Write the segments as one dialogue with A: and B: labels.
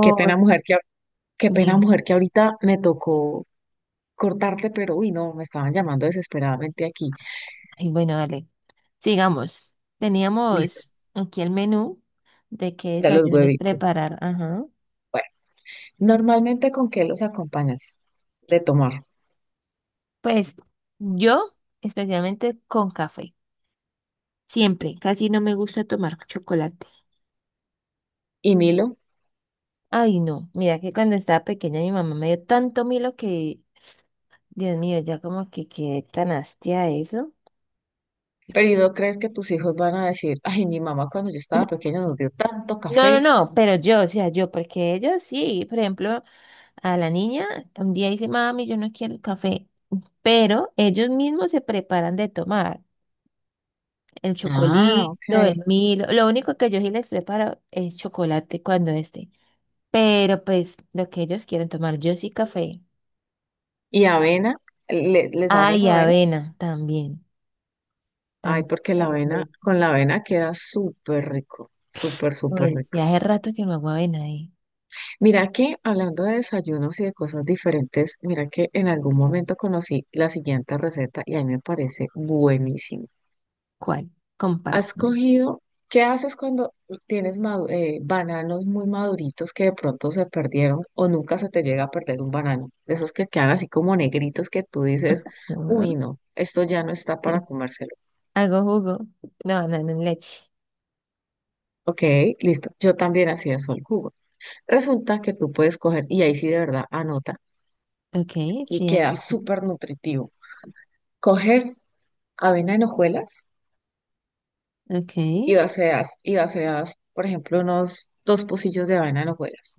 A: Qué pena, mujer, qué pena,
B: bien.
A: mujer, que ahorita me tocó cortarte, pero uy, no, me estaban llamando desesperadamente aquí.
B: Ay, bueno, dale. Sigamos.
A: Listo,
B: Teníamos aquí el menú de qué
A: de los
B: desayunos
A: huevitos.
B: preparar. Ajá.
A: Bueno, normalmente, ¿con qué los acompañas? De tomar.
B: Pues yo, especialmente con café. Siempre. Casi no me gusta tomar chocolate.
A: ¿Y Milo,
B: Ay, no. Mira que cuando estaba pequeña mi mamá me dio tanto milo que, Dios mío, ya como que quedé tan hastia de eso.
A: pero no crees que tus hijos van a decir, ay, mi mamá cuando yo estaba pequeña nos dio tanto
B: No, no,
A: café?
B: no, pero yo, o sea, yo, porque ellos sí, por ejemplo, a la niña un día dice, mami, yo no quiero el café, pero ellos mismos se preparan de tomar el
A: Ah,
B: chocolito,
A: ok.
B: el Milo, lo único que yo sí les preparo es chocolate cuando esté, pero pues lo que ellos quieren tomar, yo sí café.
A: ¿Y avena? ¿Les
B: Ah,
A: haces
B: y
A: avenas?
B: avena también,
A: Ay,
B: también
A: porque la
B: hago
A: avena,
B: avena.
A: con la avena queda súper rico, súper, súper
B: Uy, sí,
A: rico.
B: hace rato que no hago avena, ¿eh?
A: Mira que hablando de desayunos y de cosas diferentes, mira que en algún momento conocí la siguiente receta y a mí me parece buenísimo.
B: ¿Cuál?
A: Has
B: Compárteme.
A: cogido, ¿qué haces cuando tienes bananos muy maduritos que de pronto se perdieron o nunca se te llega a perder un banano? De esos que quedan así como negritos que tú dices, uy,
B: Ujú.
A: no, esto ya no está para comérselo.
B: Hago jugo, no, leche.
A: Ok, listo. Yo también hacía eso, el jugo. Resulta que tú puedes coger, y ahí sí de verdad anota,
B: Ok,
A: y
B: sí, es
A: queda
B: posible.
A: súper nutritivo. Coges avena en hojuelas
B: Ok,
A: y vacías, por ejemplo, unos dos pocillos de avena en hojuelas.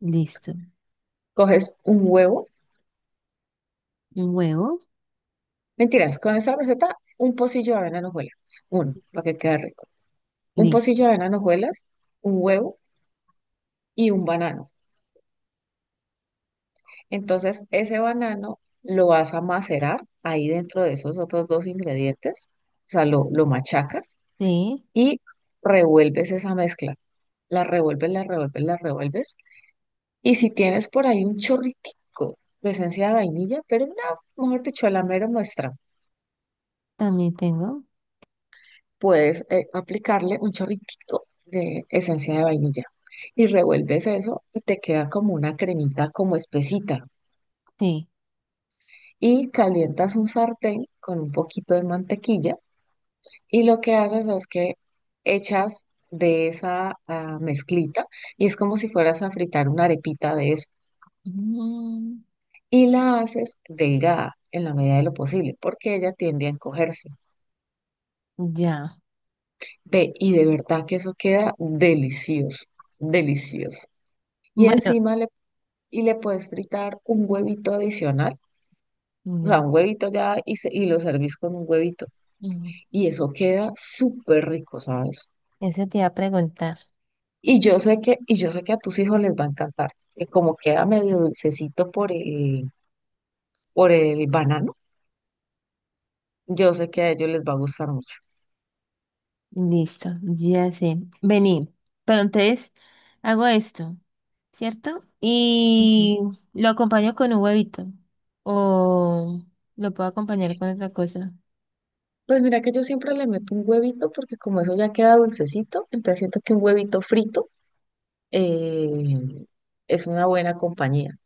B: listo.
A: Coges un huevo,
B: Un huevo,
A: mentiras, con esa receta, un pocillo de avena en hojuelas, uno, para que quede rico. Un pocillo
B: listo.
A: de avena en hojuelas, un huevo y un banano. Entonces, ese banano lo vas a macerar ahí dentro de esos otros dos ingredientes, o sea, lo machacas
B: Sí,
A: y revuelves esa mezcla. La revuelves, la revuelves, la revuelves. Y si tienes por ahí un chorritico de esencia de vainilla, pero no, mejor dicho, a la mera muestra,
B: también tengo.
A: puedes aplicarle un chorritico de esencia de vainilla. Y revuelves eso y te queda como una cremita, como espesita.
B: Sí.
A: Y calientas un sartén con un poquito de mantequilla y lo que haces es que echas de esa mezclita y es como si fueras a fritar una arepita de eso.
B: Mm,
A: Y la haces delgada en la medida de lo posible porque ella tiende a encogerse.
B: ya.
A: Ve, y de verdad que eso queda delicioso, delicioso. Y
B: Bueno,
A: y le puedes fritar un huevito adicional, o sea,
B: ya.
A: un huevito ya y, y lo servís con un huevito.
B: Mm.
A: Y eso queda súper rico, ¿sabes?
B: Eso te iba a preguntar.
A: Y yo sé que, y yo sé que a tus hijos les va a encantar, que como queda medio dulcecito por el banano, yo sé que a ellos les va a gustar mucho.
B: Listo, ya sé. Vení. Pero entonces hago esto, ¿cierto?
A: Ujú.
B: Y lo acompaño con un huevito. O lo puedo acompañar con otra cosa.
A: Pues mira que yo siempre le meto un huevito porque como eso ya queda dulcecito, entonces siento que un huevito frito eh, es una buena compañía.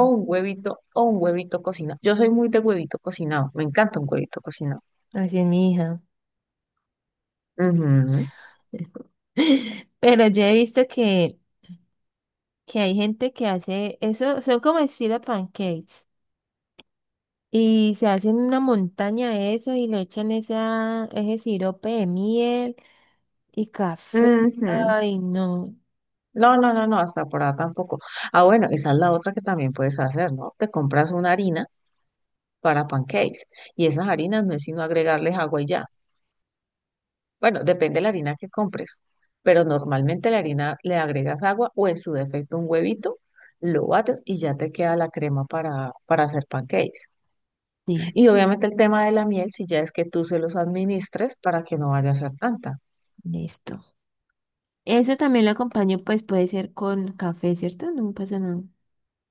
A: O un huevito cocinado. Yo soy muy de huevito cocinado, me encanta un huevito cocinado.
B: Así es mi hija.
A: Ujú,
B: Pero yo he visto que hay gente que hace eso, son como estilo pancakes. Y se hacen una montaña de eso y le echan esa, ese sirope de miel y café.
A: ujú.
B: Ay, no.
A: No, no, no, no, hasta por ahora tampoco. Ah, bueno, esa es la otra que también puedes hacer, ¿no? Te compras una harina para pancakes y esas harinas no es sino agregarles agua y ya. Bueno, depende de la harina que compres, pero normalmente la harina le agregas agua o en su defecto un huevito, lo bates y ya te queda la crema para hacer pancakes.
B: Sí,
A: Y obviamente el tema de la miel, si ya es que tú se los administres para que no vaya a ser tanta.
B: listo. Eso también lo acompaño, pues puede ser con café, ¿cierto? No me pasa nada.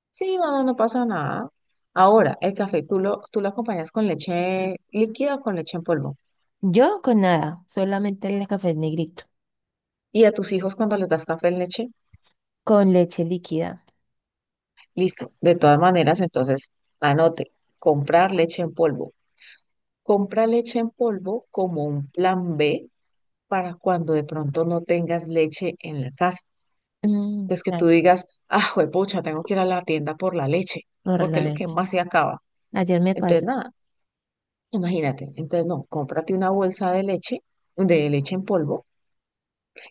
A: Sí, no, no pasa nada. Ahora, el café tú lo acompañas con leche líquida o con leche en polvo.
B: Yo con nada, solamente el café negrito,
A: Y a tus hijos cuando les das café en leche,
B: con leche líquida.
A: listo. De todas maneras, entonces, anote, comprar leche en polvo. Compra leche en polvo como un plan B para cuando de pronto no tengas leche en la casa.
B: Mm,
A: Entonces que
B: ah,
A: tú digas, ah, juepucha, tengo que ir a la tienda por la leche,
B: por
A: porque
B: la
A: es lo que
B: leche.
A: más se acaba.
B: Ayer me
A: Entonces,
B: pasó.
A: nada. Imagínate, entonces no, cómprate una bolsa de leche en polvo,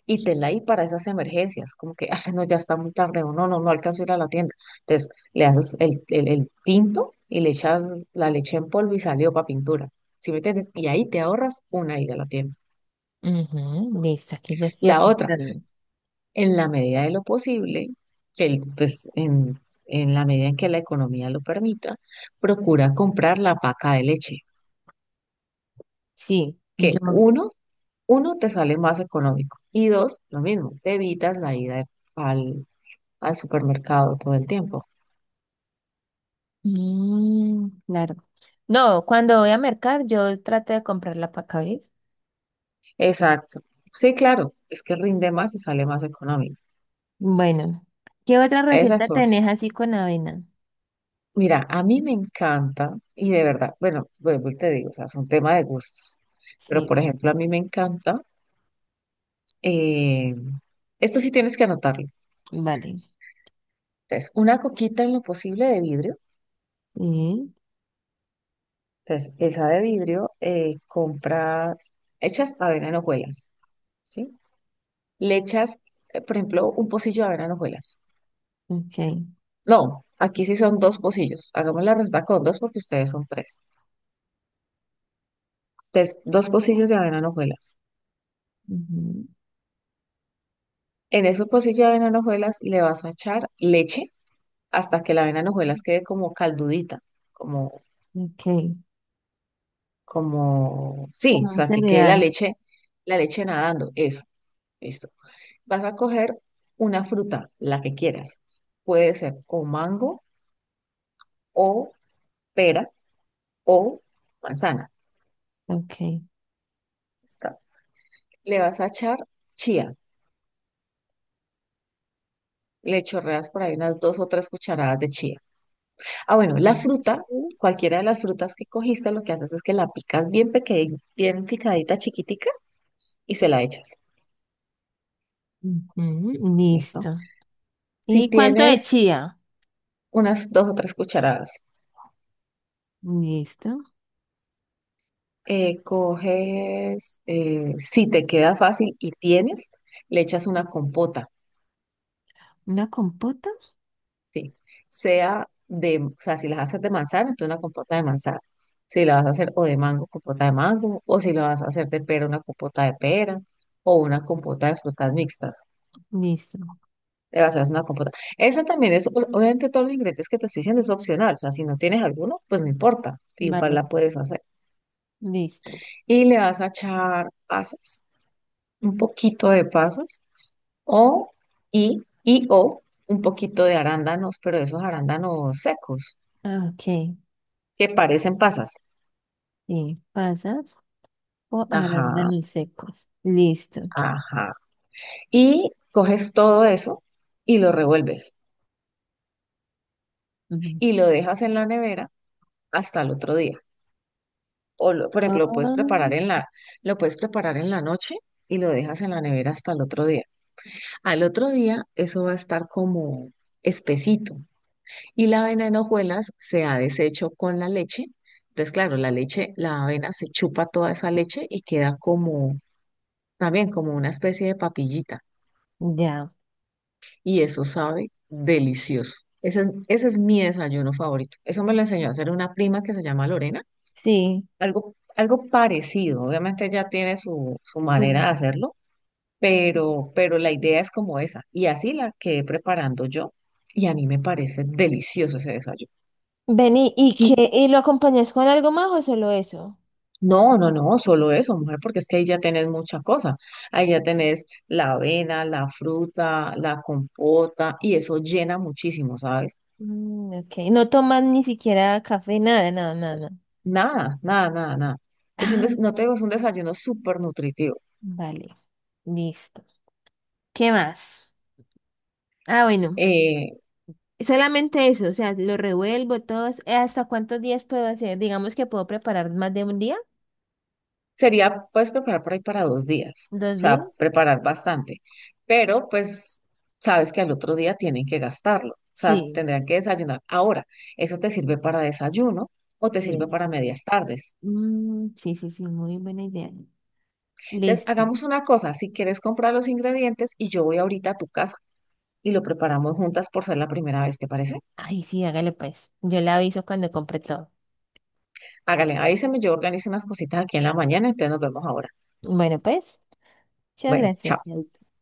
A: y tenla ahí para esas emergencias, como que, ah, no, ya está muy tarde, o no, no, no alcanzo a ir a la tienda. Entonces le haces el pinto y le echas la leche en polvo y salió para pintura, ¿sí me entiendes? Y ahí te ahorras una ida a la tienda.
B: Ujú, listo, aquí ya estoy
A: La otra,
B: apuntando.
A: en la medida de lo posible, que el- pues en la medida en que la economía lo permita, procura comprar la paca de leche,
B: Sí,
A: que
B: yo.
A: uno uno, te sale más económico. Y dos, lo mismo, te evitas la ida de- al, al supermercado todo el tiempo.
B: Mm, claro. No, cuando voy a mercar, yo trato de comprar la pacaví.
A: Exacto. Sí, claro, es que rinde más y sale más económico.
B: Bueno, ¿qué otra
A: Esas
B: receta
A: son.
B: tenés así con avena?
A: Mira, a mí me encanta, y de verdad, bueno, vuelvo y te digo, o sea, es un tema de gustos. Pero, por
B: Sí,
A: ejemplo, a mí me encanta, eh, esto sí tienes que anotarlo.
B: vale.
A: Entonces, una coquita en lo posible de vidrio.
B: Sí,
A: Entonces, esa de vidrio, compras, hechas avena en hojuelas. ¿Sí? Le echas, por ejemplo, un pocillo de avena en hojuelas.
B: ok.
A: No, aquí sí son dos pocillos. Hagamos la resta con dos porque ustedes son tres. Entonces, dos pocillos de avena en hojuelas.
B: Ujú,
A: En esos pocillos de avena en hojuelas le vas a echar leche hasta que la avena en hojuelas quede como caldudita, como,
B: ok.
A: como,
B: Con
A: sí, o
B: un
A: sea, que quede
B: cereal.
A: la leche nadando. Eso, listo. Vas a coger una fruta, la que quieras. Puede ser o mango o pera o manzana.
B: Ok.
A: Le vas a echar chía. Le chorreas por ahí unas dos o tres cucharadas de chía. Ah, bueno, la fruta,
B: Ujú,
A: cualquiera de las frutas que cogiste, lo que haces es que la picas bien pequeña, bien picadita, chiquitica, y se la echas.
B: ujú,
A: ¿Listo?
B: listo.
A: Si
B: ¿Y cuánto de
A: tienes
B: chía?
A: unas dos o tres cucharadas,
B: Listo.
A: si te queda fácil y tienes, le echas una compota.
B: ¿Una compota?
A: Sí, o sea, si las haces de manzana, entonces una compota de manzana. Si la vas a hacer o de mango, compota de mango, o si la vas a hacer de pera, una compota de pera, o una compota de frutas mixtas.
B: Listo.
A: Le vas a hacer una compota. Esa también es, obviamente todos los ingredientes que te estoy diciendo es opcional, o sea, si no tienes alguno, pues no importa, igual
B: Vale,
A: la puedes hacer.
B: listo.
A: Y le vas a echar pasas, un poquito de pasas, o, o un poquito de arándanos, pero esos arándanos secos,
B: Ah, ok.
A: que parecen pasas.
B: Sí, pasas o
A: Ajá,
B: arándanos secos. Listo.
A: ajá. Y coges todo eso y lo revuelves
B: Ujú.
A: y lo dejas en la nevera hasta el otro día. Por ejemplo,
B: Ah,
A: lo puedes preparar en la noche y lo dejas en la nevera hasta el otro día. Al otro día eso va a estar como espesito y la avena en hojuelas se ha deshecho con la leche. Entonces, claro, la leche, la avena se chupa toda esa leche y queda como también como una especie de papillita.
B: ya,
A: Y eso sabe delicioso. Ese es mi desayuno favorito. Eso me lo enseñó a hacer una prima que se llama Lorena.
B: sí.
A: Algo parecido. Obviamente ella tiene su
B: Sí.
A: manera de hacerlo, pero la idea es como esa. Y así la quedé preparando yo. Y a mí me parece delicioso ese desayuno.
B: Vení, ¿y
A: Y
B: qué? ¿Y lo acompañas con algo más o solo eso?
A: no, no, no, solo eso, mujer, porque es que ahí ya tenés mucha cosa. Ahí ya
B: Ujú.
A: tenés la avena, la fruta, la compota, y eso llena muchísimo, ¿sabes?
B: Mm, ok, no toman ni siquiera café, nada, nada, nada, nada.
A: Nada, nada, nada, nada. Es un
B: Ah,
A: no te digo, es un desayuno súper nutritivo.
B: vale, listo. ¿Qué más? Ah, bueno,
A: Eh,
B: solamente eso, o sea, lo revuelvo todos. ¿Hasta cuántos días puedo hacer? Digamos que puedo preparar más de un día,
A: puedes preparar por ahí para dos días, o
B: dos días.
A: sea, preparar bastante, pero pues sabes que al otro día tienen que gastarlo, o sea,
B: Sí,
A: tendrán que desayunar. Ahora, eso te sirve para desayuno o te sirve
B: diez.
A: para medias tardes.
B: Mm, sí, sí, sí, muy buena idea.
A: Entonces,
B: Listo.
A: hagamos una cosa, si quieres comprar los ingredientes y yo voy ahorita a tu casa y lo preparamos juntas por ser la primera vez, ¿te parece?
B: Ay, sí, hágale pues. Yo le aviso cuando compre todo.
A: Hágale, avísame, yo organizo unas cositas aquí en la mañana, entonces nos vemos ahora.
B: Bueno, pues, muchas
A: Bueno,
B: gracias.
A: chao.